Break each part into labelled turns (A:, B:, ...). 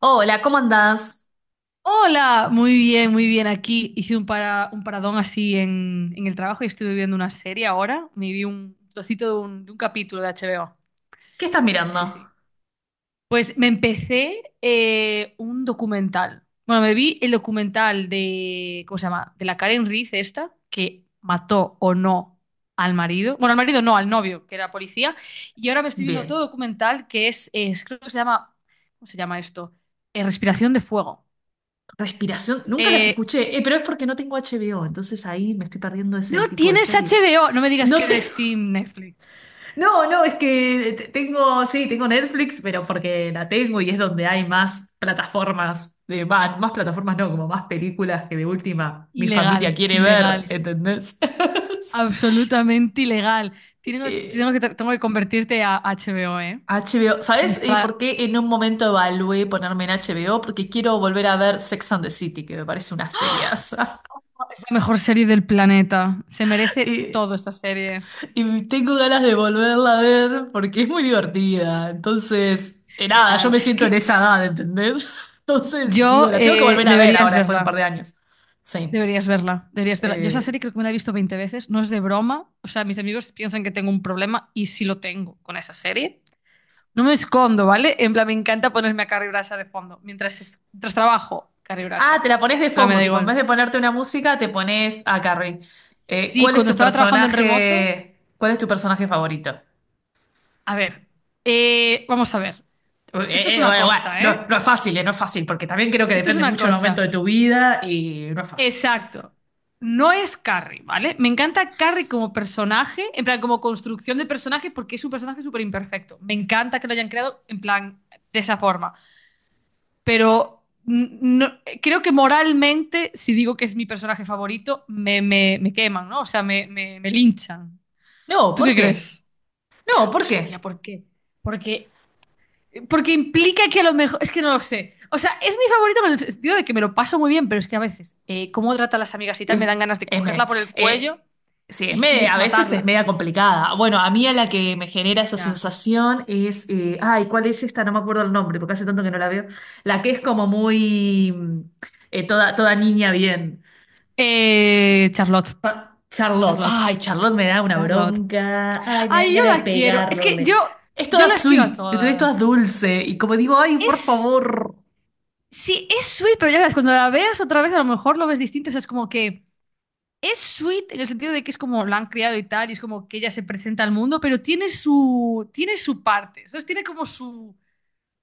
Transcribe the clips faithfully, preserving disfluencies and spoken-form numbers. A: Hola, ¿cómo andás?
B: Hola, muy bien, muy bien. Aquí hice un, para, un paradón así en, en el trabajo y estuve viendo una serie ahora. Me vi un trocito de un, de un capítulo de H B O.
A: ¿Qué estás
B: Sí, sí,
A: mirando?
B: sí. Pues me empecé eh, un documental. Bueno, me vi el documental de, ¿cómo se llama? De la Karen Reed esta, que mató o no al marido. Bueno, al marido no, al novio, que era policía. Y ahora me estoy viendo otro
A: Bien.
B: documental que es, es creo que se llama, ¿cómo se llama esto? Eh, Respiración de Fuego.
A: Respiración, nunca las
B: Eh,
A: escuché, eh, pero es porque no tengo H B O, entonces ahí me estoy perdiendo ese
B: No
A: tipo de
B: tienes
A: series.
B: H B O. No me digas que
A: No te-
B: eres Steam Netflix.
A: no, no, es que te- tengo, sí, tengo Netflix, pero porque la tengo y es donde hay más plataformas, de, va, más plataformas no, como más películas que de última mi
B: Ilegal,
A: familia quiere
B: ilegal.
A: ver, ¿entendés?
B: Absolutamente ilegal. Tiene-
A: Eh,
B: Tengo, que, tengo que convertirte a H B O, ¿eh?
A: H B O,
B: Es donde
A: ¿sabes
B: está
A: eh,
B: la,
A: por qué en un momento evalué ponerme en H B O? Porque quiero volver a ver Sex and the City, que me parece una seriaza.
B: es la mejor serie del planeta. Se merece
A: Y,
B: todo esta serie.
A: y tengo ganas de volverla a ver porque es muy divertida. Entonces, eh, nada, yo
B: Genial.
A: me siento en
B: Que-
A: esa edad, ¿entendés? Entonces, digo,
B: yo
A: la tengo que
B: eh,
A: volver a ver
B: Deberías
A: ahora después de un par
B: verla.
A: de años. Sí.
B: Deberías verla. Deberías verla. Yo esa
A: Eh,
B: serie creo que me la he visto veinte veces. No es de broma. O sea, mis amigos piensan que tengo un problema y sí lo tengo con esa serie. No me escondo, ¿vale? En plan, me encanta ponerme a Carrie Bradshaw de fondo. Mientras, es- mientras trabajo, Carrie
A: Ah,
B: Bradshaw.
A: te la pones de
B: En plan, me
A: fondo,
B: da
A: tipo, en
B: igual.
A: vez de ponerte una música, te pones a Carrie. Eh,
B: Sí,
A: ¿cuál es
B: cuando
A: tu
B: estaba trabajando en remoto,
A: personaje? ¿Cuál es tu personaje favorito?
B: a ver, eh, vamos a ver.
A: Eh,
B: Esto es
A: eh, eh,
B: una
A: bueno, bueno,
B: cosa,
A: no,
B: ¿eh?
A: no es fácil, eh, no es fácil, porque también creo que
B: Esto es
A: depende
B: una
A: mucho del momento
B: cosa.
A: de tu vida y no es fácil.
B: Exacto. No es Carrie, ¿vale? Me encanta Carrie como personaje, en plan, como construcción de personaje, porque es un personaje súper imperfecto. Me encanta que lo hayan creado en plan, de esa forma. Pero no, creo que moralmente, si digo que es mi personaje favorito, me, me, me queman, ¿no? O sea, me, me, me linchan.
A: No,
B: ¿Tú
A: ¿por
B: qué
A: qué?
B: crees?
A: No, ¿por
B: Hostia,
A: qué?
B: ¿por qué? Porque, porque implica que a lo mejor. Es que no lo sé. O sea, es mi favorito en el sentido de que me lo paso muy bien, pero es que a veces, eh, cómo trata a las amigas y tal, me dan
A: Eh,
B: ganas de
A: es me-
B: cogerla por el cuello
A: eh, sí, es
B: y, y
A: me-
B: de
A: a veces es
B: matarla.
A: media complicada. Bueno, a mí a la que me genera esa
B: Ya.
A: sensación es, eh, ay, ¿cuál es esta? No me acuerdo el nombre, porque hace tanto que no la veo. La que es como muy, mm, eh, toda, toda niña bien.
B: Eh, Charlotte.
A: Charlotte,
B: Charlotte.
A: ay, Charlotte me da una
B: Charlotte.
A: bronca, ay, me dan
B: Ay, yo
A: ganas de
B: la quiero. Es que yo,
A: pegarle. Es
B: yo
A: toda
B: las quiero a
A: sweet, ¿entendés? Es toda
B: todas.
A: dulce, y como digo, ay, por
B: Es
A: favor.
B: Sí, es sweet, pero ya verás, cuando la veas otra vez a lo mejor lo ves distinto. O sea, es como que es sweet en el sentido de que es como la han criado y tal, y es como que ella se presenta al mundo, pero tiene su, tiene su parte, ¿sabes? Tiene como su,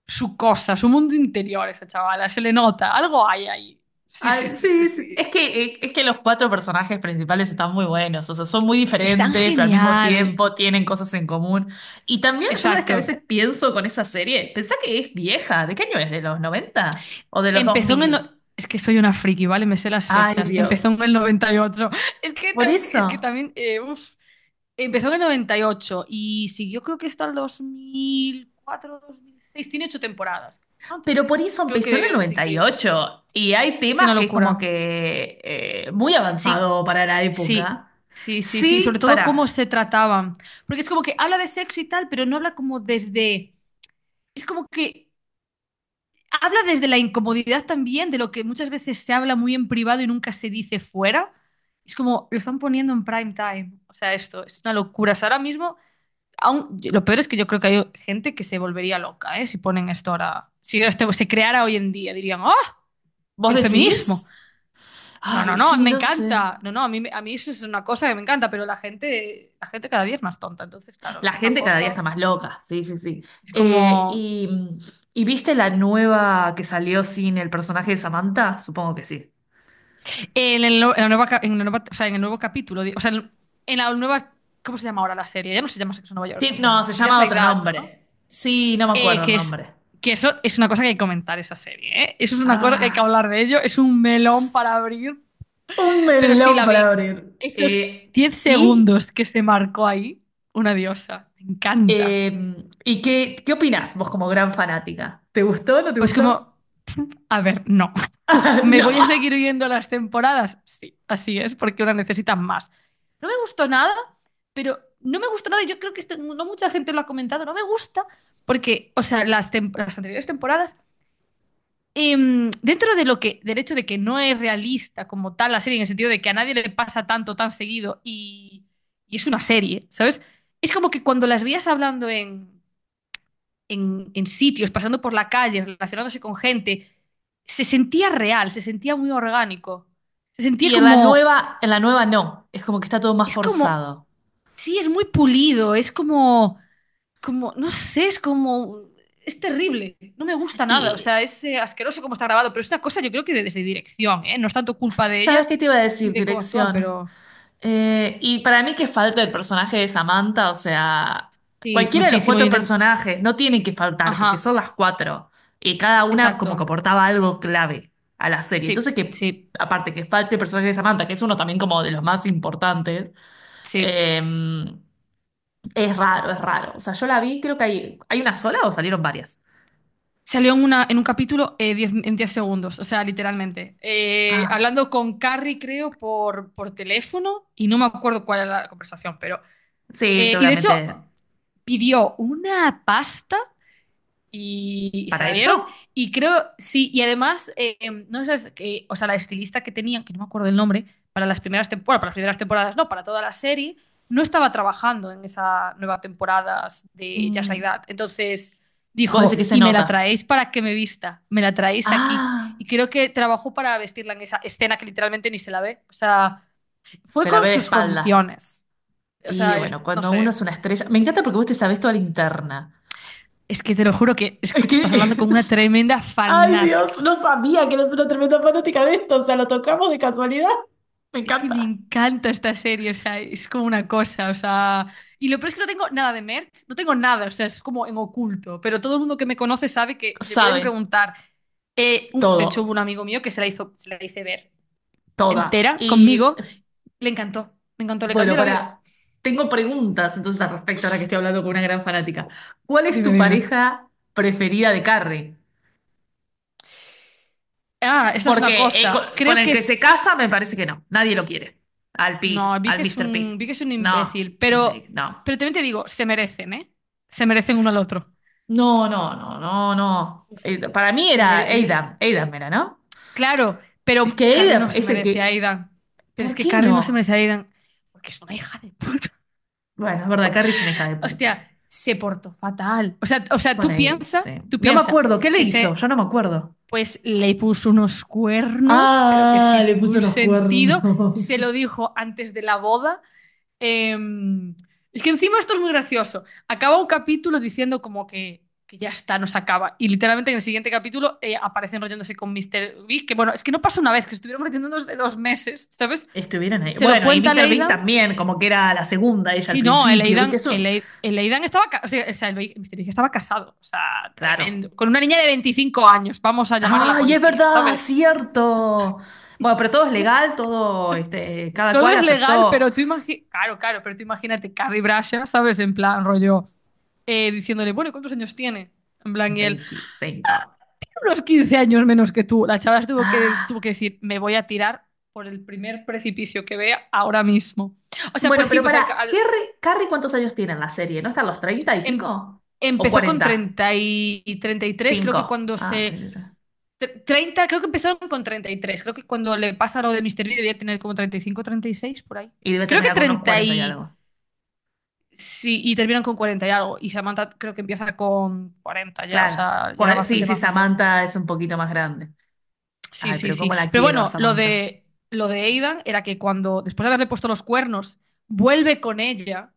B: su cosa, su mundo interior esa chavala, se le nota, algo hay ahí. Sí, sí,
A: Ay,
B: sí, sí,
A: sí, sí. Es
B: sí.
A: que, eh, es que los cuatro personajes principales están muy buenos, o sea, son muy
B: Es tan
A: diferentes, pero al mismo
B: genial.
A: tiempo tienen cosas en común. Y también, yo sabes que a
B: Exacto.
A: veces pienso con esa serie, pensá que es vieja, ¿de qué año es? ¿De los noventa o de los dos
B: Empezó en el...
A: mil?
B: no- Es que soy una friki, ¿vale? Me sé las
A: Ay,
B: fechas. Empezó
A: Dios.
B: en el noventa y ocho. Es que
A: Por
B: también, es que
A: eso.
B: también, eh, uf. Empezó en el noventa y ocho y ocho y siguió creo que hasta el dos mil cuatro, dos mil seis. Tiene ocho temporadas, ¿no?
A: Pero por
B: Entonces
A: eso
B: creo que
A: empezó en el
B: debió de
A: noventa y ocho
B: seguir.
A: y ocho y hay
B: Es una
A: temas que es como
B: locura.
A: que eh, muy
B: Sí,
A: avanzado para la
B: sí,
A: época.
B: sí, sí, sí. Sobre
A: Sí,
B: todo cómo
A: pará.
B: se trataban. Porque es como que habla de sexo y tal, pero no habla como desde... Es como que habla desde la incomodidad también, de lo que muchas veces se habla muy en privado y nunca se dice fuera. Es como, lo están poniendo en prime time. O sea, esto es una locura. O sea, ahora mismo... aún- Lo peor es que yo creo que hay gente que se volvería loca, ¿eh? Si ponen esto ahora, si esto se creara hoy en día, dirían, ¡oh!
A: ¿Vos
B: El feminismo.
A: decís?
B: No,
A: Ay,
B: no, no,
A: sí,
B: me
A: no sé.
B: encanta. No, no, a mí, me- a mí eso es una cosa que me encanta, pero la gente, la gente cada día es más tonta. Entonces, claro,
A: La
B: es una
A: gente cada día está
B: cosa.
A: más loca, sí, sí, sí.
B: Es
A: Eh,
B: como.
A: y, ¿Y viste la nueva que salió sin el personaje de Samantha? Supongo que sí.
B: En el, no- en la nueva, ca- en la nueva- O sea, en el nuevo capítulo, di- o sea, en, en la nueva. ¿Cómo se llama ahora la serie? Ya no se llama Sexo en Nueva York, ¿cómo
A: Ti-
B: se
A: No,
B: llama?
A: se
B: Just
A: llama
B: Like
A: otro
B: That, ¿no?
A: nombre. Sí, no me
B: Eh,
A: acuerdo el
B: que es.
A: nombre.
B: Que eso es una cosa que hay que comentar esa serie, ¿eh? Eso es una cosa que hay que
A: Ah,
B: hablar de ello. Es un melón para abrir.
A: un
B: Pero sí
A: melón
B: la
A: para
B: vi.
A: abrir.
B: Esos
A: Eh,
B: diez
A: ¿y?
B: segundos que se marcó ahí, una diosa. Me encanta.
A: Eh, ¿Y qué, qué opinás vos como gran fanática? ¿Te gustó o no te
B: Pues
A: gustó?
B: como, a ver, no. ¿Me voy a
A: No.
B: seguir viendo las temporadas? Sí, así es, porque una necesita más. No me gustó nada, pero no me gustó nada. Y yo creo que esto no mucha gente lo ha comentado. No me gusta porque, o sea, las, tem- las anteriores temporadas, em, dentro de lo que, del hecho de que no es realista como tal la serie, en el sentido de que a nadie le pasa tanto tan seguido y, y es una serie, ¿sabes? Es como que cuando las veías hablando en, en, en sitios, pasando por la calle, relacionándose con gente, se sentía real, se sentía muy orgánico, se sentía
A: Y en la
B: como,
A: nueva, en la nueva no. Es como que está todo más
B: es como,
A: forzado.
B: sí, es muy pulido, es como... como, no sé, es como, es terrible, no me gusta nada, o
A: Y,
B: sea, es eh, asqueroso como está grabado, pero es una cosa yo creo que de- desde dirección, ¿eh? No es tanto culpa de
A: ¿sabes
B: ellas
A: qué te iba a
B: ni
A: decir?
B: de cómo actúan,
A: Dirección.
B: pero
A: Eh, y para mí que falta el personaje de Samantha, o sea,
B: sí,
A: cualquiera de los
B: muchísimo.
A: cuatro
B: inten-
A: personajes no tienen que faltar, porque son
B: Ajá,
A: las cuatro. Y cada una como que
B: exacto,
A: aportaba algo clave a la serie. Entonces
B: sí,
A: que,
B: sí,
A: aparte que falte el personaje de Samantha, que es uno también como de los más importantes.
B: sí.
A: eh, Es raro, es raro. O sea, yo la vi, creo que hay, ¿hay una sola o salieron varias?
B: Salió en, una, en un capítulo eh, diez en diez segundos, o sea, literalmente. Eh,
A: Ah,
B: hablando con Carrie, creo, por, por teléfono, y no me acuerdo cuál era la conversación, pero...
A: sí,
B: eh, y de hecho,
A: seguramente.
B: pidió una pasta. Y, y se
A: ¿Para
B: la dieron.
A: eso?
B: Y creo, sí, y además, eh, em, no sé, que, o sea, la estilista que tenían, que no me acuerdo el nombre, para las primeras temporadas, para las primeras temporadas, no, para toda la serie, no estaba trabajando en esa nueva temporada de Just
A: mm,
B: Like That. Entonces
A: Vos decís que
B: dijo,
A: se
B: y me
A: nota.
B: la traéis para que me vista, me la traéis aquí.
A: Ah,
B: Y creo que trabajó para vestirla en esa escena que literalmente ni se la ve. O sea, fue
A: se la
B: con
A: ve de
B: sus
A: espalda.
B: condiciones. O
A: Y
B: sea, es-
A: bueno,
B: no
A: cuando uno
B: sé.
A: es una estrella. Me encanta porque vos te sabés toda la interna.
B: Es que te lo juro que,
A: Es
B: escucha,
A: que.
B: estás hablando con una tremenda
A: Ay,
B: fanática.
A: Dios, no sabía que eres una tremenda fanática de esto. O sea, lo tocamos de casualidad. Me
B: Es que me
A: encanta.
B: encanta esta serie, o sea, es como una cosa, o sea... Y lo peor es que no tengo nada de merch, no tengo nada, o sea, es como en oculto, pero todo el mundo que me conoce sabe que me pueden
A: Sabe
B: preguntar. Eh, un- de hecho, hubo
A: todo,
B: un amigo mío que se la hizo, se la hice ver
A: toda.
B: entera
A: Y
B: conmigo, le encantó, me encantó, le
A: bueno,
B: cambió la vida.
A: para. Tengo preguntas entonces al respecto, ahora que estoy hablando con una gran fanática. ¿Cuál es
B: Dime,
A: tu
B: dime.
A: pareja preferida de Carrie?
B: Ah, esta es una
A: Porque eh, co-
B: cosa,
A: con,
B: creo
A: el
B: que
A: que
B: es...
A: se casa me parece que no. Nadie lo quiere. Al Pig,
B: No, Big
A: al
B: es
A: míster Pig.
B: un, Big es un
A: No,
B: imbécil,
A: el Pig,
B: pero,
A: no.
B: pero también te digo, se merecen, ¿eh? Se merecen uno al otro.
A: No, no, no, no, no. Eh, para mí
B: Se
A: era
B: merecen...
A: Adam. Adam era, ¿no?
B: Claro,
A: Es
B: pero
A: que
B: Carrie no
A: Adam
B: se
A: es el
B: merece a
A: que.
B: Aidan. Pero es
A: ¿Por
B: que
A: qué
B: Carrie no se
A: no?
B: merece a Aidan porque es una hija de puta.
A: Bueno, es verdad, Carrie es una hija de puta.
B: Hostia, se portó fatal. O sea, o sea,
A: Bueno,
B: tú
A: ahí-
B: piensa,
A: sí.
B: tú
A: No me
B: piensa
A: acuerdo. ¿Qué le
B: que
A: hizo?
B: se,
A: Yo no me acuerdo.
B: pues le puso unos cuernos, pero que
A: Ah,
B: sin
A: le puso
B: ningún
A: unos
B: sentido.
A: cuernos.
B: Se lo dijo antes de la boda. Em, es que encima esto es muy gracioso. Acaba un capítulo diciendo como que, que ya está, nos acaba. Y literalmente en el siguiente capítulo eh, aparecen enrollándose con míster Big, que bueno, es que no pasa una vez, que estuvieron enrollándonos de dos meses, ¿sabes?
A: Estuvieron ahí.
B: Se lo
A: Bueno, y
B: cuenta a
A: míster Big
B: Leidan.
A: también, como que era la segunda ella al
B: Sí, no, el
A: principio, ¿viste
B: Aidan, el,
A: eso?
B: Ai- el Aidan estaba, ca- o sea, o sea, el Big- míster Big estaba casado, o sea,
A: Claro.
B: tremendo. Con una niña de veinticinco años, vamos a llamar a la
A: ¡Ay, es
B: policía,
A: verdad!
B: ¿sabes?
A: ¡Cierto! Bueno, pero todo es legal, todo, este, cada
B: Todo
A: cual
B: es legal,
A: aceptó
B: pero tú imagi- claro, claro, pero tú imagínate Carrie Bradshaw, ¿sabes? En plan, rollo. Eh, diciéndole, bueno, ¿cuántos años tiene? En plan, y él,
A: veinticinco.
B: unos quince años menos que tú. La chavala se tuvo que, tuvo
A: Ah.
B: que decir, me voy a tirar por el primer precipicio que vea ahora mismo. O sea,
A: Bueno,
B: pues sí,
A: pero
B: pues al-
A: para,
B: al-
A: Carrie, Carrie, ¿cuántos años tiene en la serie? ¿No están los treinta y
B: em-
A: pico? ¿O
B: empezó con
A: cuarenta,
B: treinta y treinta y tres creo que
A: cinco?
B: cuando
A: Ah,
B: se...
A: treinta Y tres.
B: tre- treinta, creo que empezaron con treinta y tres creo que cuando le pasa lo de Mister B debía tener como treinta treinta y cinco treinta y seis por ahí.
A: Y debe
B: Creo que
A: terminar con unos
B: treinta
A: cuarenta y
B: y...
A: algo.
B: Sí, y terminan con cuarenta y algo. Y Samantha creo que empieza con cuarenta ya, o
A: Claro.
B: sea, ya era
A: Cua- Sí,
B: bastante
A: sí,
B: más mayor.
A: Samantha es un poquito más grande.
B: Sí,
A: Ay,
B: sí,
A: pero
B: sí.
A: cómo la
B: Pero
A: quiero a
B: bueno, lo
A: Samantha.
B: de lo de Aidan era que cuando, después de haberle puesto los cuernos, vuelve con ella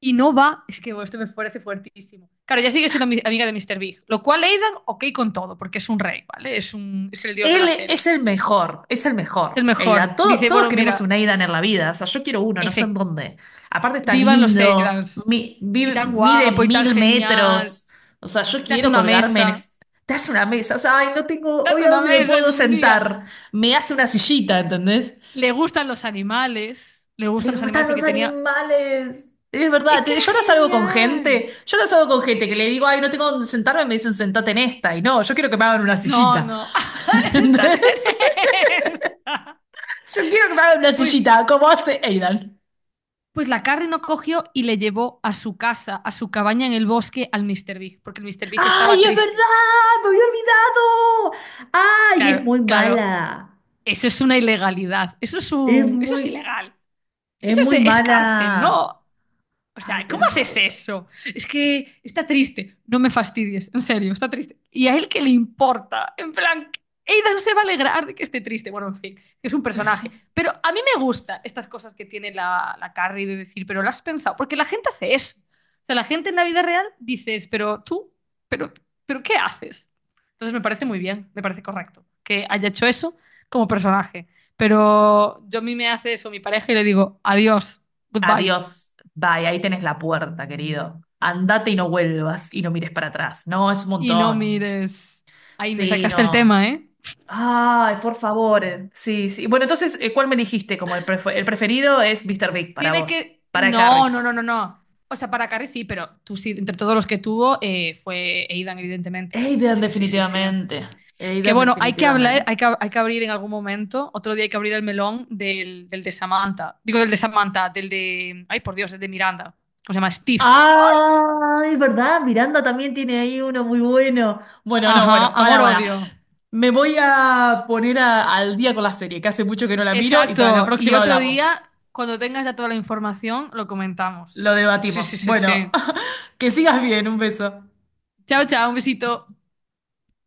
B: y no va. Es que bueno, esto me parece fuertísimo. Claro, ya sigue siendo mi- amiga de míster Big. Lo cual Aidan, ok con todo, porque es un rey, ¿vale? Es un, es el dios de la
A: Él e, es
B: serie.
A: el mejor, es el
B: Es el
A: mejor. Aidan,
B: mejor.
A: todo-
B: Dice,
A: todos
B: bueno,
A: queremos un
B: mira,
A: Aidan en la vida. O sea, yo quiero uno, no sé en
B: efe-
A: dónde. Aparte está
B: vivan los
A: lindo,
B: Aidans.
A: mi-
B: Y
A: vive-
B: tan
A: mide
B: guapo y tan
A: mil
B: genial.
A: metros. O sea, yo
B: Te hace
A: quiero
B: una
A: colgarme en...
B: mesa.
A: es- Te hace una mesa, o sea, ay, no tengo
B: Te
A: hoy
B: hace
A: a
B: una
A: dónde me
B: mesa en
A: puedo
B: un día.
A: sentar. Me hace una sillita, ¿entendés?
B: Le gustan los animales. Le gustan
A: Le
B: los animales
A: gustan los
B: porque tenía.
A: animales. Es verdad,
B: Es que
A: te-
B: era
A: yo no salgo con
B: genial.
A: gente, yo no salgo con gente que le digo, ay, no tengo dónde sentarme, me dicen sentate en esta, y no, yo quiero que me hagan una
B: No,
A: sillita.
B: no. Santa
A: ¿Entendés?
B: Teresa.
A: Yo quiero que me hagan una
B: Pues,
A: sillita, como hace Aidan.
B: pues la Carrie no cogió y le llevó a su casa, a su cabaña en el bosque al míster Big, porque el míster Big estaba
A: ¡Ay, es
B: triste.
A: verdad! ¡Me había olvidado! ¡Ay, es
B: Claro,
A: muy
B: claro.
A: mala!
B: Eso es una ilegalidad. Eso es
A: Es
B: un, eso es
A: muy,
B: ilegal.
A: es
B: Eso es
A: muy
B: de, es cárcel,
A: mala.
B: ¿no? O
A: Ay,
B: sea, ¿cómo
A: tenés
B: haces
A: razón.
B: eso? Es que está triste. No me fastidies, en serio, está triste. ¿Y a él qué le importa? En plan, Ada no se va a alegrar de que esté triste. Bueno, en fin, que es un personaje.
A: Sí.
B: Pero a mí me gusta estas cosas que tiene la, la Carrie de decir, pero lo has pensado. Porque la gente hace eso. O sea, la gente en la vida real dices, pero tú, pero, pero ¿qué haces? Entonces me parece muy bien, me parece correcto que haya hecho eso como personaje. Pero yo a mí me hace eso mi pareja y le digo, adiós, goodbye.
A: Adiós. Bye, ahí tenés la puerta, querido. Andate y no vuelvas y no mires para atrás. No, es un
B: Y no
A: montón.
B: mires. Ahí me
A: Sí,
B: sacaste el
A: no.
B: tema, ¿eh?
A: Ay, por favor. eh. Sí, sí. Bueno, entonces, eh, ¿cuál me dijiste? Como el, prefe- el preferido es míster Big para
B: Tiene
A: vos,
B: que.
A: para
B: No,
A: Carrie.
B: no, no, no, no. O sea, para Carrie sí, pero tú sí, entre todos los que tuvo, eh, fue Aidan, evidentemente.
A: Aidan,
B: Sí, sí, sí, sí.
A: definitivamente.
B: Que
A: Aidan,
B: bueno, hay que hablar,
A: definitivamente.
B: hay que, hay que abrir en algún momento. Otro día hay que abrir el melón del, del de Samantha. Digo, del de Samantha, del de. Ay, por Dios, el de Miranda. ¿Cómo se llama? Steve.
A: Ay, ¿verdad? Miranda también tiene ahí uno muy bueno. Bueno, no,
B: Ajá,
A: bueno, para, para.
B: amor-odio.
A: Me voy a poner a- al día con la serie, que hace mucho que no la miro y para la
B: Exacto. Y
A: próxima
B: otro
A: hablamos.
B: día, cuando tengas ya toda la información, lo comentamos.
A: Lo
B: Sí, sí,
A: debatimos.
B: sí,
A: Bueno,
B: sí.
A: que sigas bien, un beso.
B: Chao, chao, un besito.